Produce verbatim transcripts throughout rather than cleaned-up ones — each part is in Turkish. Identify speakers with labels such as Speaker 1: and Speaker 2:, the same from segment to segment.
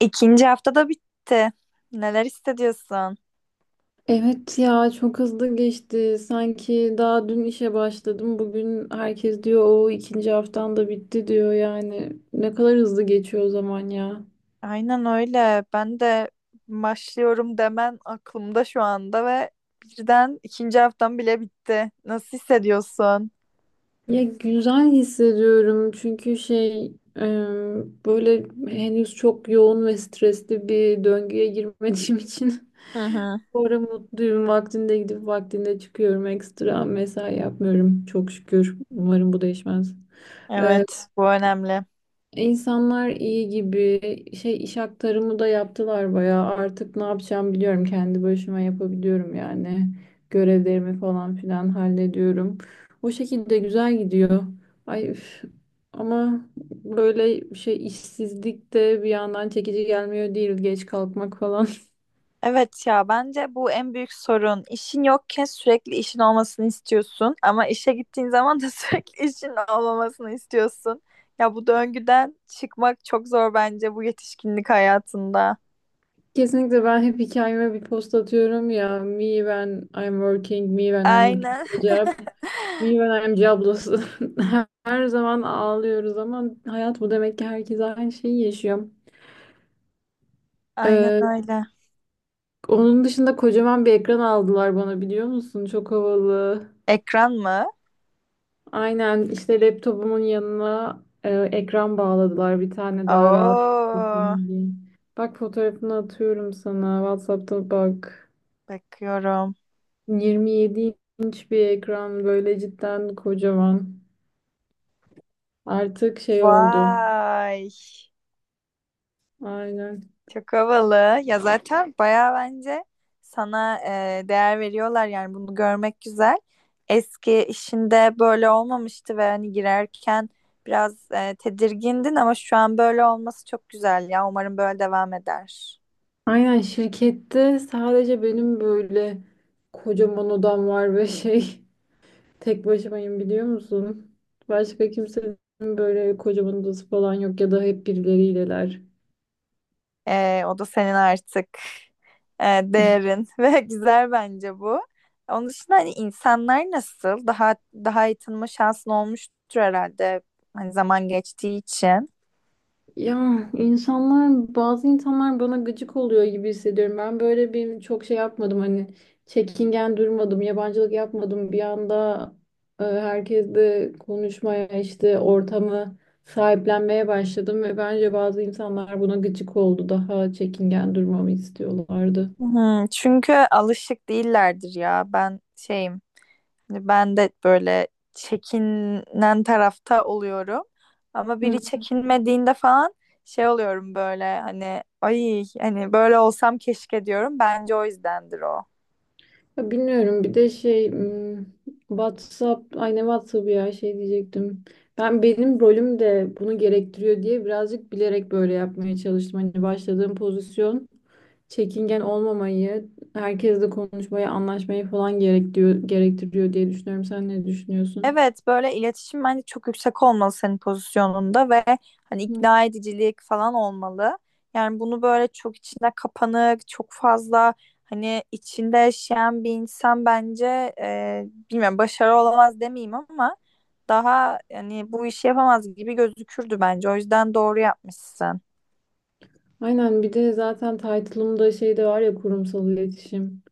Speaker 1: İkinci haftada bitti. Neler hissediyorsun?
Speaker 2: Evet ya çok hızlı geçti. Sanki daha dün işe başladım. Bugün herkes diyor o ikinci haftan da bitti diyor yani. Ne kadar hızlı geçiyor o zaman ya.
Speaker 1: Aynen öyle. Ben de başlıyorum demen aklımda şu anda ve birden ikinci haftam bile bitti. Nasıl hissediyorsun?
Speaker 2: Ya güzel hissediyorum çünkü şey e, böyle henüz çok yoğun ve stresli bir döngüye girmediğim için
Speaker 1: Hı hı.
Speaker 2: bu ara mutluyum. Vaktinde gidip vaktinde çıkıyorum. Ekstra mesai yapmıyorum çok şükür. Umarım bu değişmez.
Speaker 1: Evet, bu önemli.
Speaker 2: İnsanlar iyi gibi şey iş aktarımı da yaptılar bayağı. Artık ne yapacağımı biliyorum. Kendi başıma yapabiliyorum yani. Görevlerimi falan filan hallediyorum. O şekilde güzel gidiyor. Ay üf. Ama böyle şey işsizlik de bir yandan çekici gelmiyor değil, geç kalkmak falan.
Speaker 1: Evet ya bence bu en büyük sorun. İşin yokken sürekli işin olmasını istiyorsun ama işe gittiğin zaman da sürekli işin olmamasını istiyorsun. Ya bu döngüden çıkmak çok zor bence bu yetişkinlik hayatında.
Speaker 2: Kesinlikle, ben hep hikayeme bir post atıyorum ya. Me when I'm working, me when I'm looking
Speaker 1: Aynen.
Speaker 2: for a job. Milyonerci ablası. Her zaman ağlıyoruz ama hayat bu demek ki, herkes aynı şeyi yaşıyor.
Speaker 1: Aynen
Speaker 2: Ee,
Speaker 1: öyle.
Speaker 2: onun dışında kocaman bir ekran aldılar bana, biliyor musun? Çok havalı.
Speaker 1: Ekran mı?
Speaker 2: Aynen, işte laptopumun yanına e, ekran bağladılar bir tane, daha rahat
Speaker 1: Oo,
Speaker 2: edeyim diye. Bak, fotoğrafını atıyorum sana. WhatsApp'ta bak.
Speaker 1: bakıyorum.
Speaker 2: yirmi yedi inç bir ekran, böyle cidden kocaman. Artık şey oldu.
Speaker 1: Vay,
Speaker 2: Aynen.
Speaker 1: çok havalı. Ya zaten bayağı bence sana e, değer veriyorlar yani bunu görmek güzel. Eski işinde böyle olmamıştı ve hani girerken biraz e, tedirgindin ama şu an böyle olması çok güzel ya. Umarım böyle devam eder.
Speaker 2: Aynen, şirkette sadece benim böyle kocaman odam var ve şey tek başımayım, biliyor musun? Başka kimsenin böyle kocaman odası falan yok ya da hep birileriyle.
Speaker 1: Ee, o da senin artık e, değerin ve güzel bence bu. Onun dışında hani insanlar nasıl? Daha daha iyi tanıma şansın olmuştur herhalde. Hani zaman geçtiği için.
Speaker 2: Ya insanlar, bazı insanlar bana gıcık oluyor gibi hissediyorum. Ben böyle bir çok şey yapmadım hani, çekingen durmadım, yabancılık yapmadım. Bir anda e, herkesle konuşmaya, işte ortamı sahiplenmeye başladım ve bence bazı insanlar buna gıcık oldu. Daha çekingen durmamı istiyorlardı.
Speaker 1: Hı, çünkü alışık değillerdir ya. Ben şeyim. Hani ben de böyle çekinen tarafta oluyorum. Ama biri çekinmediğinde falan şey oluyorum böyle hani ay hani böyle olsam keşke diyorum. Bence o yüzdendir o.
Speaker 2: Ya Bilmiyorum bir de şey m, WhatsApp aynı WhatsApp ya, şey diyecektim. Ben, benim rolüm de bunu gerektiriyor diye birazcık bilerek böyle yapmaya çalıştım. Hani başladığım pozisyon çekingen olmamayı, herkesle konuşmayı, anlaşmayı falan gerektiriyor, gerektiriyor diye düşünüyorum. Sen ne düşünüyorsun?
Speaker 1: Evet böyle iletişim bence çok yüksek olmalı senin pozisyonunda ve hani
Speaker 2: Hı.
Speaker 1: ikna edicilik falan olmalı. Yani bunu böyle çok içine kapanık, çok fazla hani içinde yaşayan bir insan bence e, bilmiyorum başarı olamaz demeyeyim ama daha yani bu işi yapamaz gibi gözükürdü bence. O yüzden doğru yapmışsın.
Speaker 2: Aynen, bir de zaten title'ımda şey de var ya, kurumsal iletişim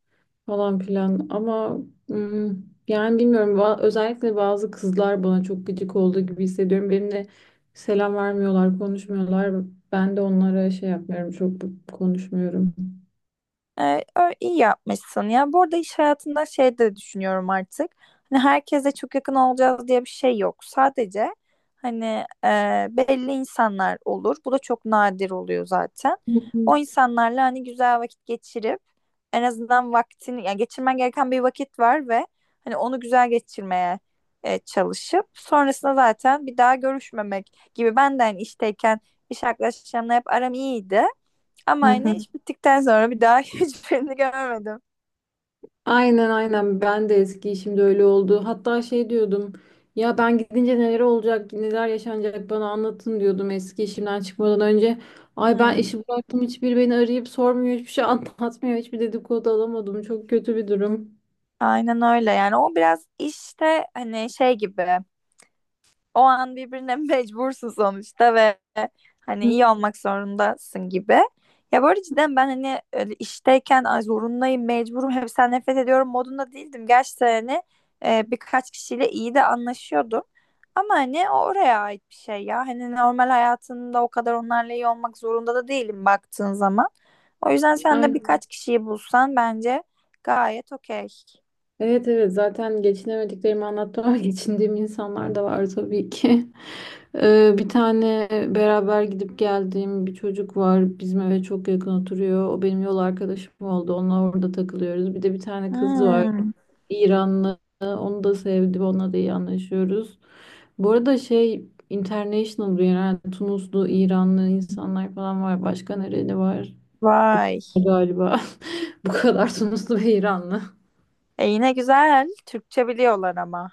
Speaker 2: falan filan, ama mm, yani bilmiyorum, Ba- özellikle bazı kızlar bana çok gıcık olduğu gibi hissediyorum. Benimle selam vermiyorlar, konuşmuyorlar. Ben de onlara şey yapmıyorum, çok konuşmuyorum.
Speaker 1: Ee, ö- iyi yapmışsın ya. Bu arada iş hayatında şey de düşünüyorum artık. Hani herkese çok yakın olacağız diye bir şey yok. Sadece hani e, belli insanlar olur. Bu da çok nadir oluyor zaten.
Speaker 2: Hı hı.
Speaker 1: O insanlarla hani güzel vakit geçirip en azından vaktini yani geçirmen gereken bir vakit var ve hani onu güzel geçirmeye e, çalışıp sonrasında zaten bir daha görüşmemek gibi. Ben de hani işteyken iş arkadaşlarımla hep aram iyiydi.
Speaker 2: Hı
Speaker 1: Ama
Speaker 2: hı.
Speaker 1: yine iş bittikten sonra bir daha hiçbirini görmedim.
Speaker 2: Aynen aynen, ben de eski işimde öyle oldu. Hatta şey diyordum ya, ben gidince neler olacak, neler yaşanacak bana anlatın diyordum eski işimden çıkmadan önce. Ay, ben
Speaker 1: Hmm,
Speaker 2: işi bıraktım, hiçbir beni arayıp sormuyor, hiçbir şey anlatmıyor, hiçbir dedikodu alamadım, çok kötü bir durum.
Speaker 1: aynen öyle yani o biraz işte hani şey gibi. O an birbirine mecbursun sonuçta ve hani iyi olmak zorundasın gibi. Ya bu arada cidden ben hani öyle işteyken ay zorundayım, mecburum, hepsinden nefret ediyorum modunda değildim. Gerçi hani e, birkaç kişiyle iyi de anlaşıyordum. Ama hani o oraya ait bir şey ya. Hani normal hayatında o kadar onlarla iyi olmak zorunda da değilim baktığın zaman. O yüzden sen de
Speaker 2: Aynen.
Speaker 1: birkaç kişiyi bulsan bence gayet okey.
Speaker 2: Evet evet, zaten geçinemediklerimi anlattım ama geçindiğim insanlar da var tabii ki. Ee, bir tane beraber gidip geldiğim bir çocuk var. Bizim eve çok yakın oturuyor. O benim yol arkadaşım oldu. Onunla orada takılıyoruz. Bir de bir tane kız var.
Speaker 1: Hmm,
Speaker 2: İranlı. Onu da sevdim. Onunla da iyi anlaşıyoruz. Bu arada şey, international bir, yani Tunuslu, İranlı insanlar falan var. Başka nereli var?
Speaker 1: vay.
Speaker 2: Galiba bu kadar, Tunuslu ve İranlı.
Speaker 1: E yine güzel. Türkçe biliyorlar ama.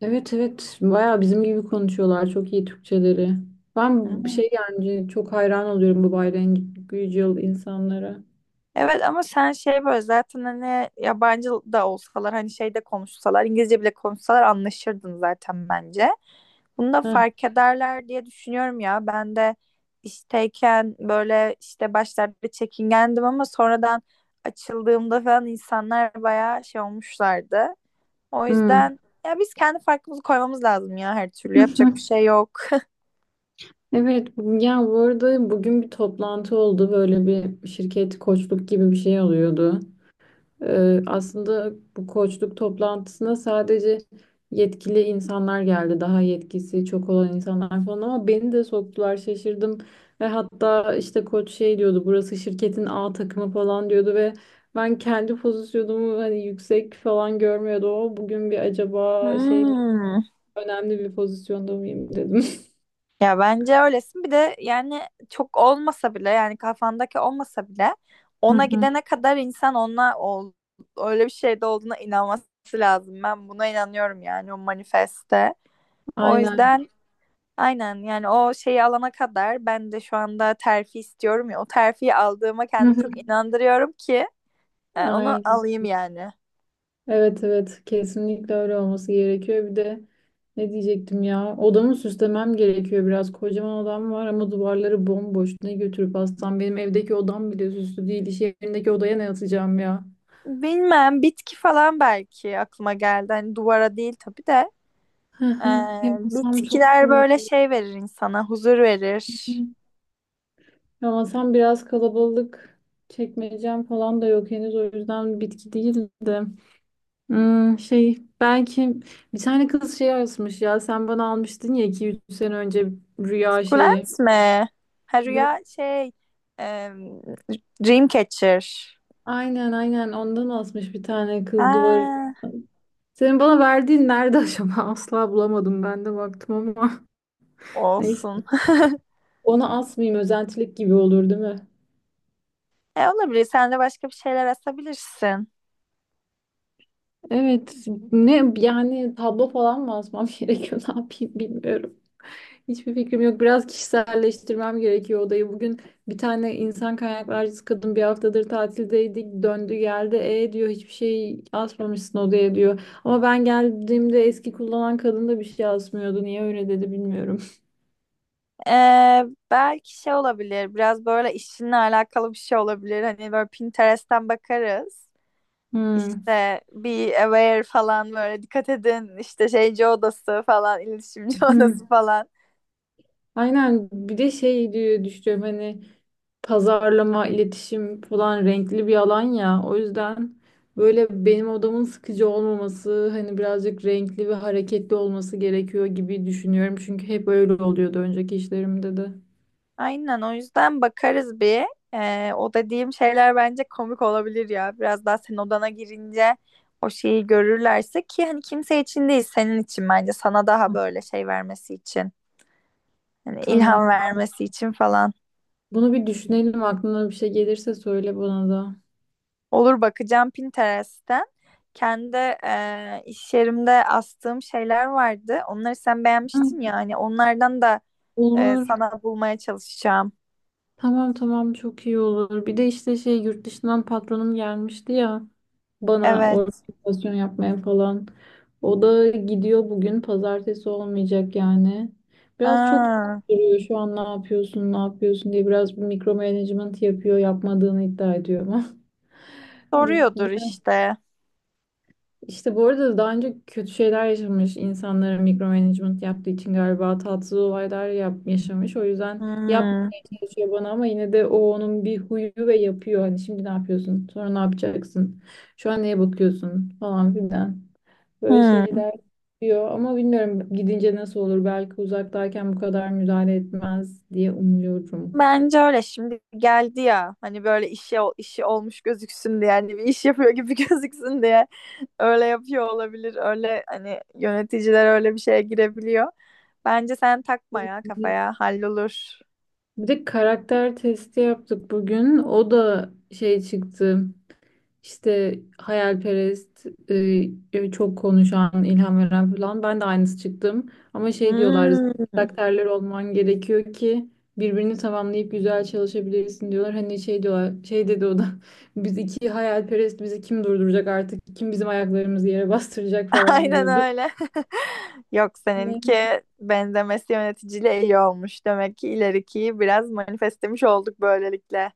Speaker 2: Evet evet, bayağı bizim gibi konuşuyorlar, çok iyi Türkçeleri. Ben bir
Speaker 1: Hı.
Speaker 2: şey, yani çok hayran oluyorum bu gayrimenkul insanlara.
Speaker 1: Evet ama sen şey böyle zaten hani yabancı da olsalar hani şeyde konuşsalar İngilizce bile konuşsalar anlaşırdın zaten bence. Bunu da
Speaker 2: Heh.
Speaker 1: fark ederler diye düşünüyorum ya. Ben de işteyken böyle işte başlarda çekingendim ama sonradan açıldığımda falan insanlar bayağı şey olmuşlardı. O
Speaker 2: Hmm.
Speaker 1: yüzden ya biz kendi farkımızı koymamız lazım ya her türlü yapacak bir şey yok.
Speaker 2: Evet ya, bu arada bugün bir toplantı oldu, böyle bir şirket koçluk gibi bir şey oluyordu. Ee, aslında bu koçluk toplantısına sadece yetkili insanlar geldi. Daha yetkisi çok olan insanlar falan, ama beni de soktular, şaşırdım. Ve hatta işte koç şey diyordu, burası şirketin A takımı falan diyordu ve ben kendi pozisyonumu hani yüksek falan görmüyordum. O bugün bir, acaba şey mi,
Speaker 1: Hmm.
Speaker 2: önemli bir pozisyonda mıyım dedim.
Speaker 1: Ya bence öylesin. Bir de yani çok olmasa bile yani kafandaki olmasa bile
Speaker 2: Hı
Speaker 1: ona
Speaker 2: hı.
Speaker 1: gidene kadar insan ona ol, öyle bir şeyde olduğuna inanması lazım. Ben buna inanıyorum yani o manifeste. O
Speaker 2: Aynen.
Speaker 1: yüzden aynen yani o şeyi alana kadar ben de şu anda terfi istiyorum ya. O terfiyi aldığıma
Speaker 2: Hı
Speaker 1: kendimi
Speaker 2: hı.
Speaker 1: çok inandırıyorum ki e, onu
Speaker 2: Aynen.
Speaker 1: alayım yani.
Speaker 2: Evet evet, kesinlikle öyle olması gerekiyor. Bir de ne diyecektim ya, odamı süslemem gerekiyor biraz. Kocaman odam var ama duvarları bomboş. Ne götürüp atsam, benim evdeki odam bile süslü değil. İş yerindeki odaya ne atacağım ya?
Speaker 1: Bilmem bitki falan belki aklıma geldi. Hani duvara değil tabii de.
Speaker 2: Hı
Speaker 1: Ee,
Speaker 2: hı. Yapmasam çok
Speaker 1: bitkiler böyle
Speaker 2: kalabalık.
Speaker 1: şey verir insana, huzur verir.
Speaker 2: Yamasam biraz kalabalık. Çekmeyeceğim falan da yok henüz, o yüzden bitki değil de. Hmm, şey belki, bir tane kız şey yazmış ya, sen bana almıştın ya iki üç sene önce, rüya şeyi.
Speaker 1: Sukulent mi? Ha rüya şey, e, Dreamcatcher.
Speaker 2: Aynen aynen, ondan asmış bir tane kız duvarı.
Speaker 1: Ha,
Speaker 2: Senin bana verdiğin nerede acaba? Asla bulamadım, ben de baktım ama. Neyse.
Speaker 1: olsun.
Speaker 2: Onu asmayayım, özentilik gibi olur değil mi?
Speaker 1: E olabilir. Sen de başka bir şeyler asabilirsin.
Speaker 2: Evet. Ne yani, tablo falan mı asmam gerekiyor? Ne yapayım bilmiyorum. Hiçbir fikrim yok. Biraz kişiselleştirmem gerekiyor odayı. Bugün bir tane insan kaynaklarcısı kadın, bir haftadır tatildeydik, döndü geldi. E diyor, hiçbir şey asmamışsın odaya diyor. Ama ben geldiğimde eski kullanan kadın da bir şey asmıyordu. Niye öyle dedi bilmiyorum.
Speaker 1: Ee, belki şey olabilir. Biraz böyle işinle alakalı bir şey olabilir. Hani böyle Pinterest'ten bakarız.
Speaker 2: Hmm.
Speaker 1: İşte be aware falan böyle dikkat edin. İşte şeyci odası falan, iletişimci odası
Speaker 2: Hmm.
Speaker 1: falan.
Speaker 2: Aynen, bir de şey diye düşünüyorum hani, pazarlama, iletişim falan renkli bir alan ya. O yüzden böyle benim odamın sıkıcı olmaması, hani birazcık renkli ve hareketli olması gerekiyor gibi düşünüyorum. Çünkü hep öyle oluyordu önceki işlerimde de.
Speaker 1: Aynen o yüzden bakarız bir. Ee, o dediğim şeyler bence komik olabilir ya. Biraz daha sen odana girince o şeyi görürlerse ki hani kimse için değil senin için bence sana daha
Speaker 2: Hı.
Speaker 1: böyle şey vermesi için. Hani
Speaker 2: Tamam.
Speaker 1: ilham vermesi için falan.
Speaker 2: Bunu bir düşünelim. Aklına bir şey gelirse söyle bana da.
Speaker 1: Olur bakacağım Pinterest'ten. Kendi e, iş yerimde astığım şeyler vardı. Onları sen
Speaker 2: Hı,
Speaker 1: beğenmiştin ya hani onlardan da e,
Speaker 2: olur.
Speaker 1: sana bulmaya çalışacağım.
Speaker 2: Tamam tamam, çok iyi olur. Bir de işte şey, yurt dışından patronum gelmişti ya. Bana
Speaker 1: Evet.
Speaker 2: organizasyon yapmaya falan. O da gidiyor bugün. Pazartesi olmayacak yani. Biraz çok
Speaker 1: Ha,
Speaker 2: soruyor, şu an ne yapıyorsun, ne yapıyorsun diye, biraz mikro management yapıyor, yapmadığını iddia ediyor ama.
Speaker 1: soruyordur işte.
Speaker 2: İşte, bu arada daha önce kötü şeyler yaşamış insanlara mikro management yaptığı için galiba tatsız olaylar yap yaşamış. O yüzden
Speaker 1: Hmm.
Speaker 2: yapmaya çalışıyor bana ama yine de o onun bir huyu ve yapıyor. Hani şimdi ne yapıyorsun? Sonra ne yapacaksın? Şu an neye bakıyorsun? Falan filan. Böyle
Speaker 1: Hmm.
Speaker 2: şeyler yapıyor ama bilmiyorum gidince nasıl olur. Belki uzaktayken bu kadar müdahale etmez diye umuyorum.
Speaker 1: Bence öyle şimdi geldi ya hani böyle işi işi olmuş gözüksün diye yani bir iş yapıyor gibi gözüksün diye öyle yapıyor olabilir öyle hani yöneticiler öyle bir şeye girebiliyor. Bence sen takma ya kafaya hallolur.
Speaker 2: Bir de karakter testi yaptık bugün. O da şey çıktı. İşte hayalperest, e, e, çok konuşan, ilham veren falan. Ben de aynısı çıktım. Ama şey diyorlar, zıt
Speaker 1: Hmm.
Speaker 2: karakterler olman gerekiyor ki birbirini tamamlayıp güzel çalışabilirsin diyorlar. Hani şey diyorlar, şey dedi o da. Biz iki hayalperest, bizi kim durduracak artık? Kim bizim ayaklarımızı yere bastıracak falan
Speaker 1: Aynen
Speaker 2: diyordu.
Speaker 1: öyle. Yok
Speaker 2: Ne?
Speaker 1: seninki benzemesi yöneticiyle iyi olmuş. Demek ki ilerikiyi biraz manifestemiş olduk böylelikle.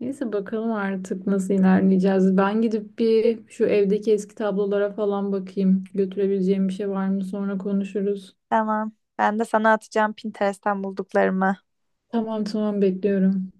Speaker 2: Neyse, bakalım artık nasıl ilerleyeceğiz. Ben gidip bir şu evdeki eski tablolara falan bakayım. Götürebileceğim bir şey var mı? Sonra konuşuruz.
Speaker 1: Tamam. Ben de sana atacağım Pinterest'ten bulduklarımı.
Speaker 2: Tamam tamam, bekliyorum.